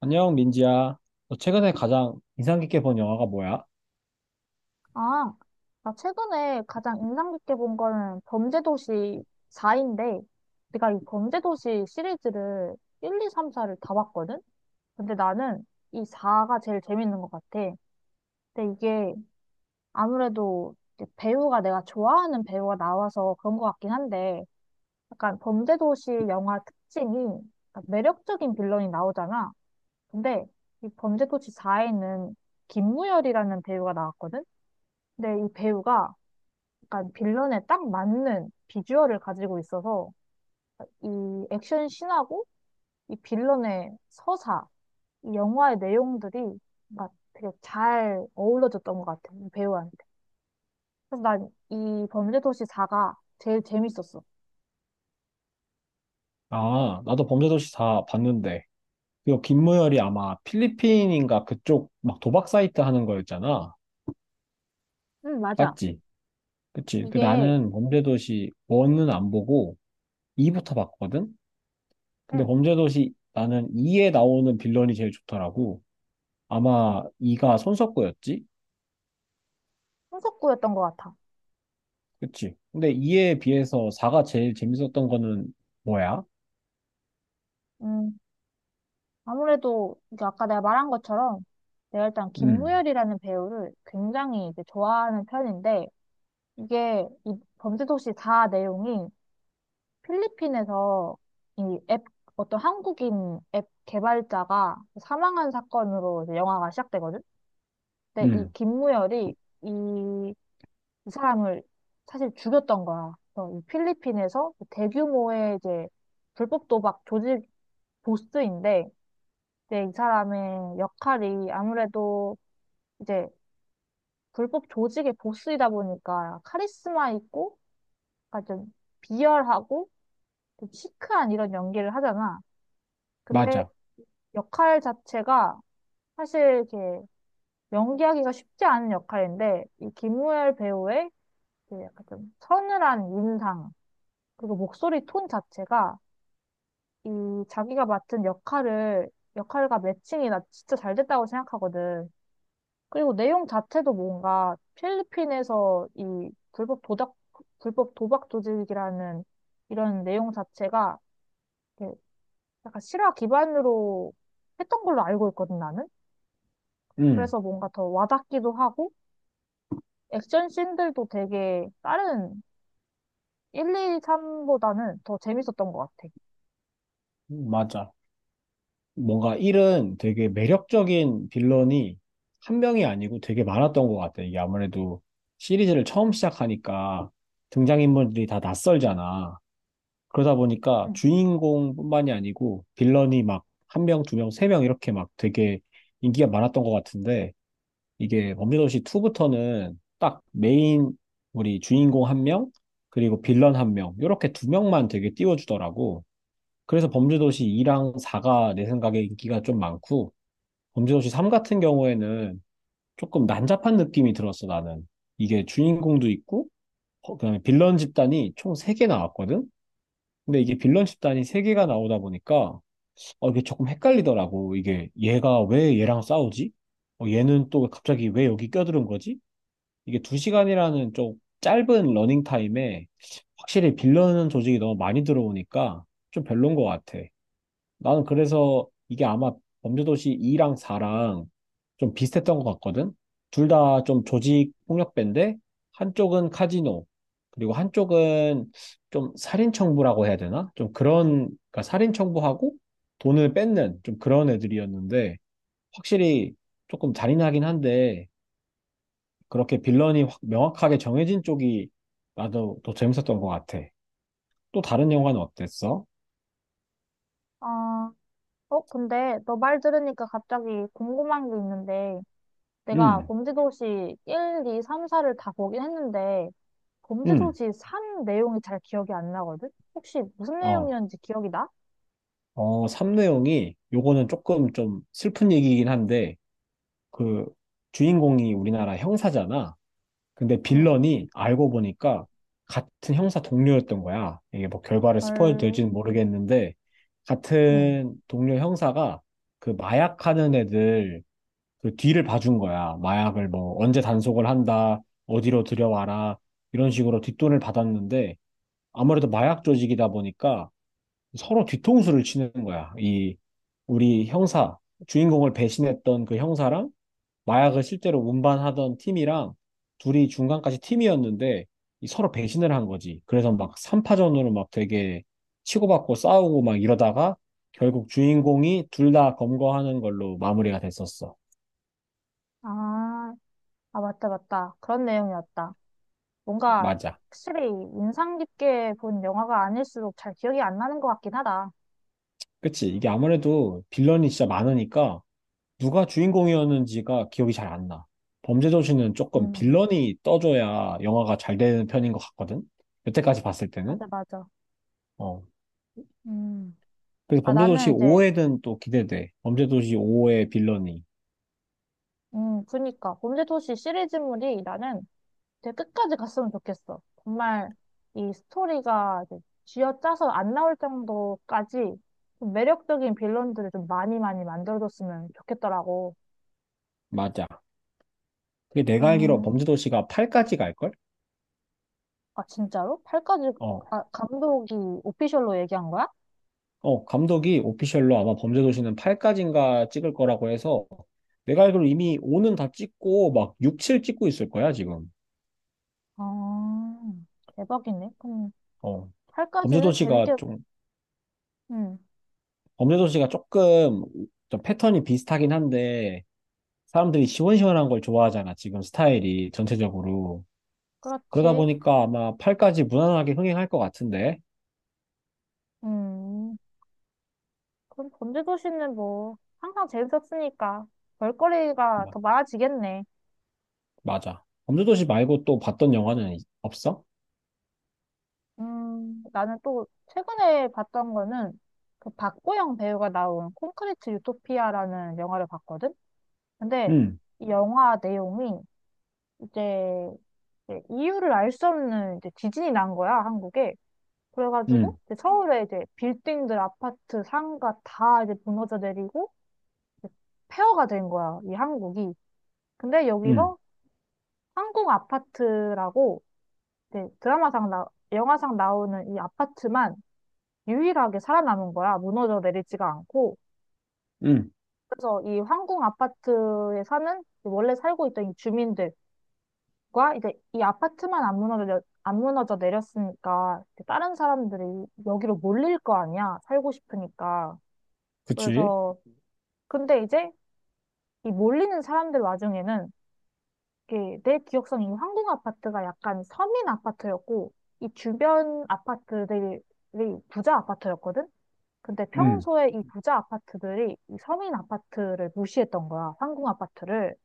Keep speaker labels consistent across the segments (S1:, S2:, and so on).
S1: 안녕, 민지야. 너 최근에 가장 인상 깊게 본 영화가 뭐야?
S2: 아, 나 최근에 가장 인상 깊게 본 거는 범죄도시 4인데, 내가 이 범죄도시 시리즈를 1, 2, 3, 4를 다 봤거든? 근데 나는 이 4가 제일 재밌는 것 같아. 근데 이게 아무래도 이제 배우가 내가 좋아하는 배우가 나와서 그런 것 같긴 한데, 약간 범죄도시 영화 특징이 약간 매력적인 빌런이 나오잖아. 근데 이 범죄도시 4에는 김무열이라는 배우가 나왔거든? 근데 이 배우가 약간 빌런에 딱 맞는 비주얼을 가지고 있어서 이 액션 씬하고 이 빌런의 서사, 이 영화의 내용들이 막 되게 잘 어우러졌던 것 같아, 이 배우한테. 그래서 난 이 범죄도시 4가 제일 재밌었어.
S1: 아, 나도 범죄도시 다 봤는데. 이거 김무열이 아마 필리핀인가 그쪽 막 도박 사이트 하는 거였잖아.
S2: 응, 맞아.
S1: 맞지? 그치. 그
S2: 이게,
S1: 나는 범죄도시 1은 안 보고 2부터 봤거든? 근데
S2: 응,
S1: 범죄도시 나는 2에 나오는 빌런이 제일 좋더라고. 아마 2가 손석구였지?
S2: 손석구였던 것 같아.
S1: 그치. 근데 2에 비해서 4가 제일 재밌었던 거는 뭐야?
S2: 음, 아무래도 이게 아까 내가 말한 것처럼 내가 일단
S1: 응,
S2: 김무열이라는 배우를 굉장히 이제 좋아하는 편인데 이게 이 범죄도시 4 내용이 필리핀에서 이 앱, 어떤 한국인 앱 개발자가 사망한 사건으로 이제 영화가 시작되거든? 근데 이
S1: 응,
S2: 김무열이 이, 이 사람을 사실 죽였던 거야. 그래서 이 필리핀에서 대규모의 이제 불법 도박 조직 보스인데, 이제 이 사람의 역할이 아무래도 이제 불법 조직의 보스이다 보니까 카리스마 있고, 약간 좀 비열하고, 좀 시크한 이런 연기를 하잖아. 근데
S1: 맞아.
S2: 역할 자체가 사실 이렇게 연기하기가 쉽지 않은 역할인데 이 김무열 배우의 그 약간 좀 서늘한 인상 그리고 목소리 톤 자체가 이 자기가 맡은 역할을 역할과 매칭이 나 진짜 잘 됐다고 생각하거든. 그리고 내용 자체도 뭔가 필리핀에서 이 불법 도박 조직이라는 이런 내용 자체가 이렇게 약간 실화 기반으로 했던 걸로 알고 있거든 나는.
S1: 응,
S2: 그래서 뭔가 더 와닿기도 하고 액션 씬들도 되게 다른 1, 2, 3보다는 더 재밌었던 것 같아.
S1: 맞아. 뭔가 1은 되게 매력적인 빌런이 한 명이 아니고 되게 많았던 것 같아. 이게 아무래도 시리즈를 처음 시작하니까 등장인물들이 다 낯설잖아. 그러다 보니까
S2: 응.
S1: 주인공뿐만이 아니고 빌런이 막 한 명, 두 명, 세 명 이렇게 막 되게 인기가 많았던 것 같은데, 이게 범죄도시 2부터는 딱 메인 우리 주인공 한 명, 그리고 빌런 한 명, 이렇게 두 명만 되게 띄워주더라고. 그래서 범죄도시 2랑 4가 내 생각에 인기가 좀 많고, 범죄도시 3 같은 경우에는 조금 난잡한 느낌이 들었어, 나는. 이게 주인공도 있고, 어, 그다음에 빌런 집단이 총 3개 나왔거든? 근데 이게 빌런 집단이 3개가 나오다 보니까, 어, 이게 조금 헷갈리더라고. 이게 얘가 왜 얘랑 싸우지? 어, 얘는 또 갑자기 왜 여기 껴들은 거지? 이게 2시간이라는 좀 짧은 러닝 타임에 확실히 빌런 조직이 너무 많이 들어오니까 좀 별론 것 같아. 나는 그래서 이게 아마 범죄도시 2랑 4랑 좀 비슷했던 것 같거든? 둘 다 좀 조직 폭력배인데, 한쪽은 카지노, 그리고 한쪽은 좀 살인청부라고 해야 되나? 좀 그런, 그러니까 살인청부하고 돈을 뺏는 좀 그런 애들이었는데, 확실히 조금 잔인하긴 한데, 그렇게 빌런이 확 명확하게 정해진 쪽이 나도 더 재밌었던 것 같아. 또 다른 영화는 어땠어?
S2: 아, 근데 너 말 들으니까 갑자기 궁금한 게 있는데, 내가
S1: 음,
S2: 범죄도시 1, 2, 3, 4를 다 보긴 했는데,
S1: 음,
S2: 범죄도시 3 내용이 잘 기억이 안 나거든? 혹시 무슨
S1: 어.
S2: 내용이었는지 기억이 나?
S1: 어, 3내용이 요거는 조금 좀 슬픈 얘기긴 한데, 그 주인공이 우리나라 형사잖아. 근데
S2: 응.
S1: 빌런이 알고 보니까 같은 형사 동료였던 거야. 이게 뭐 결과를 스포일
S2: 헐,
S1: 될지는 모르겠는데
S2: 응.
S1: 같은 동료 형사가 그 마약하는 애들 그 뒤를 봐준 거야. 마약을 뭐 언제 단속을 한다, 어디로 들여와라 이런 식으로 뒷돈을 받았는데 아무래도 마약 조직이다 보니까 서로 뒤통수를 치는 거야. 이 우리 형사, 주인공을 배신했던 그 형사랑 마약을 실제로 운반하던 팀이랑 둘이 중간까지 팀이었는데 이 서로 배신을 한 거지. 그래서 막 3파전으로 막 되게 치고받고 싸우고 막 이러다가 결국 주인공이 둘 다 검거하는 걸로 마무리가 됐었어.
S2: 아, 아, 맞다, 맞다. 그런 내용이었다. 뭔가
S1: 맞아.
S2: 확실히 인상 깊게 본 영화가 아닐수록 잘 기억이 안 나는 것 같긴 하다.
S1: 그치? 이게 아무래도 빌런이 진짜 많으니까 누가 주인공이었는지가 기억이 잘 안 나. 범죄도시는 조금
S2: 음,
S1: 빌런이 떠줘야 영화가 잘 되는 편인 것 같거든? 여태까지 봤을 때는.
S2: 맞아, 맞아.
S1: 어.
S2: 음.
S1: 그래서 범죄도시
S2: 나는 이제,
S1: 5회는 또 기대돼. 범죄도시 5의 빌런이.
S2: 그니까. 범죄도시 시리즈물이 나는 되게 끝까지 갔으면 좋겠어. 정말 이 스토리가 이제 쥐어짜서 안 나올 정도까지 좀 매력적인 빌런들을 좀 많이 많이 만들어줬으면 좋겠더라고.
S1: 맞아. 그게 내가 알기로
S2: 음,
S1: 범죄도시가 8까지 갈걸?
S2: 진짜로? 팔까지
S1: 어.
S2: 감독이 오피셜로 얘기한 거야?
S1: 어, 감독이 오피셜로 아마 범죄도시는 8까지인가 찍을 거라고 해서 내가 알기로 이미 5는 다 찍고 막 6, 7 찍고 있을 거야, 지금.
S2: 아, 대박이네. 그럼
S1: 어.
S2: 팔까지는
S1: 범죄도시가
S2: 재밌게,
S1: 좀
S2: 음,
S1: 범죄도시가 조금 좀 패턴이 비슷하긴 한데 사람들이 시원시원한 걸 좋아하잖아. 지금 스타일이 전체적으로. 그러다
S2: 그렇지.
S1: 보니까 아마 팔까지 무난하게 흥행할 것 같은데.
S2: 음. 그럼 범죄도시는 뭐 항상 재밌었으니까 볼거리가
S1: 마-
S2: 더 많아지겠네.
S1: 맞아. 범죄도시 말고 또 봤던 영화는 없어?
S2: 나는 또 최근에 봤던 거는 그 박보영 배우가 나온 콘크리트 유토피아라는 영화를 봤거든? 근데
S1: 응,
S2: 이 영화 내용이 이제 이유를 알 수 없는 이제 지진이 난 거야, 한국에.
S1: 응,
S2: 그래가지고 이제 서울에 이제 빌딩들, 아파트, 상가 다 이제 무너져 내리고 이제 폐허가 된 거야, 이 한국이. 근데
S1: 응,
S2: 여기서 한국 아파트라고 이제 드라마상 영화상 나오는 이 아파트만 유일하게 살아남은 거야. 무너져 내리지가 않고.
S1: 응.
S2: 그래서 이 황궁 아파트에 사는 원래 살고 있던 이 주민들과 이제 이 아파트만 안 무너져 내렸으니까 이제 다른 사람들이 여기로 몰릴 거 아니야. 살고 싶으니까.
S1: 그치?
S2: 그래서 근데 이제 이 몰리는 사람들 와중에는 예, 내 기억상에 이 황궁 아파트가 약간 서민 아파트였고, 이 주변 아파트들이 부자 아파트였거든? 근데
S1: 응.
S2: 평소에 이 부자 아파트들이 이 서민 아파트를 무시했던 거야, 황궁 아파트를.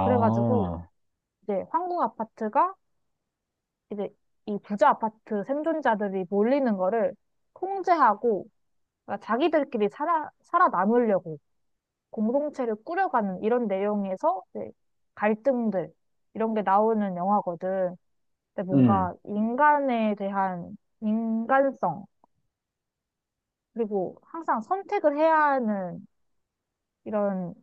S2: 그래가지고, 이제 황궁 아파트가 이제 이 부자 아파트 생존자들이 몰리는 거를 통제하고, 그러니까 자기들끼리 살아남으려고 공동체를 꾸려가는 이런 내용에서 이제 갈등들, 이런 게 나오는 영화거든. 근데
S1: 응.
S2: 뭔가 인간에 대한 인간성, 그리고 항상 선택을 해야 하는 이런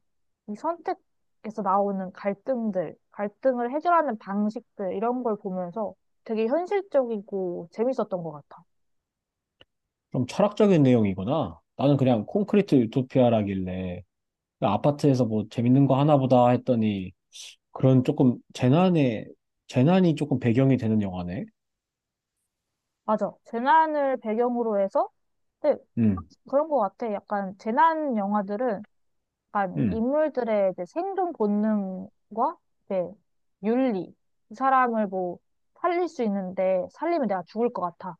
S2: 이 선택에서 나오는 갈등들, 갈등을 해결하는 방식들, 이런 걸 보면서 되게 현실적이고 재밌었던 것 같아.
S1: 좀 철학적인 내용이구나. 나는 그냥 콘크리트 유토피아라길래 그 아파트에서 뭐 재밌는 거 하나 보다 했더니 그런 조금 재난의 재난이 조금 배경이 되는 영화네.
S2: 맞아. 재난을 배경으로 해서, 근데
S1: 음,
S2: 그런 것 같아. 약간 재난 영화들은 약간
S1: 음,
S2: 인물들의 이제 생존 본능과 이제 윤리. 이 사람을 뭐 살릴 수 있는데 살리면 내가 죽을 것 같아.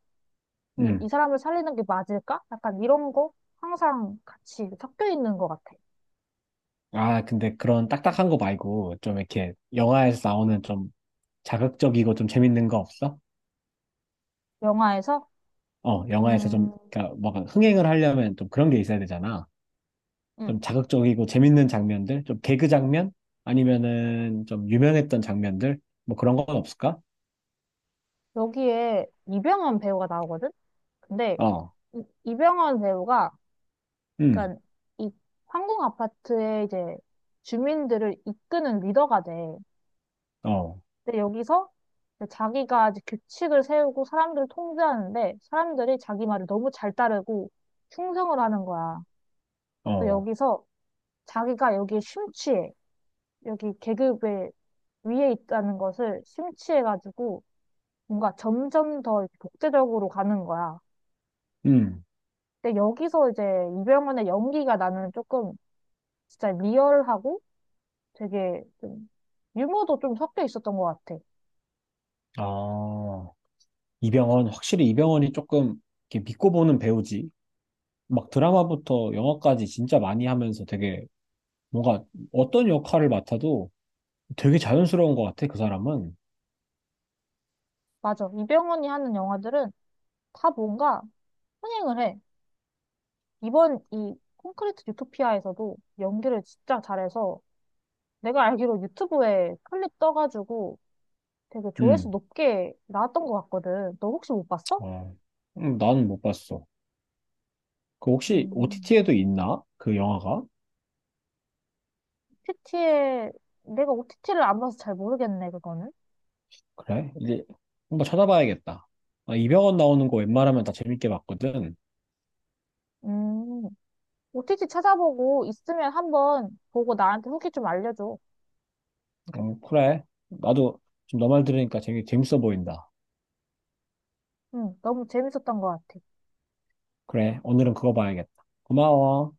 S1: 음.
S2: 이 사람을 살리는 게 맞을까? 약간 이런 거 항상 같이 섞여 있는 것 같아.
S1: 아, 근데 그런 딱딱한 거 말고 좀 이렇게 영화에서 나오는 좀 자극적이고 좀 재밌는 거 없어?
S2: 영화에서
S1: 어, 영화에서 좀
S2: 음,
S1: 그러니까 뭔가 흥행을 하려면 좀 그런 게 있어야 되잖아.
S2: 음,
S1: 좀 자극적이고 재밌는 장면들, 좀 개그 장면 아니면은 좀 유명했던 장면들 뭐 그런 건 없을까?
S2: 여기에 이병헌 배우가 나오거든. 근데
S1: 어,
S2: 이병헌 배우가
S1: 음,
S2: 약간 이 황궁 아파트의 이제 주민들을 이끄는 리더가 돼.
S1: 어,
S2: 근데 여기서 이제 자기가 이제 규칙을 세우고 사람들을 통제하는데 사람들이 자기 말을 너무 잘 따르고 충성을 하는 거야. 또
S1: 어,
S2: 여기서 자기가 여기에 심취해. 여기 계급의 위에 있다는 것을 심취해가지고 뭔가 점점 더 이렇게 독재적으로 가는 거야.
S1: 음,
S2: 근데 여기서 이제 이병헌의 연기가 나는 조금 진짜 리얼하고 되게 좀 유머도 좀 섞여 있었던 것 같아.
S1: 아. 이병헌, 확실히 이병헌이 조금 이렇게 믿고 보는 배우지. 막 드라마부터 영화까지 진짜 많이 하면서 되게 뭔가 어떤 역할을 맡아도 되게 자연스러운 것 같아, 그 사람은.
S2: 맞아. 이병헌이 하는 영화들은 다 뭔가 흥행을 해. 이번 이 콘크리트 유토피아에서도 연기를 진짜 잘해서 내가 알기로 유튜브에 클립 떠가지고 되게 조회수
S1: 음,
S2: 높게 나왔던 것 같거든. 너 혹시 못 봤어?
S1: 어, 나는 못 봤어. 그 혹시
S2: 음,
S1: OTT에도 있나? 그 영화가?
S2: OTT에, 내가 OTT를 안 봐서 잘 모르겠네, 그거는.
S1: 그래? 이제 한번 찾아봐야겠다. 아, 이병헌 나오는 거 웬만하면 다 재밌게 봤거든.
S2: 음, OTT 찾아보고 있으면 한번 보고 나한테 후기 좀 알려줘.
S1: 그래. 나도 지금 너 말 들으니까 재밌어 보인다.
S2: 응, 너무 재밌었던 것 같아.
S1: 그래. 오늘은 그거 봐야겠다. 고마워.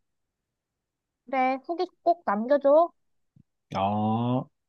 S2: 그래, 후기 꼭 남겨줘.
S1: 아.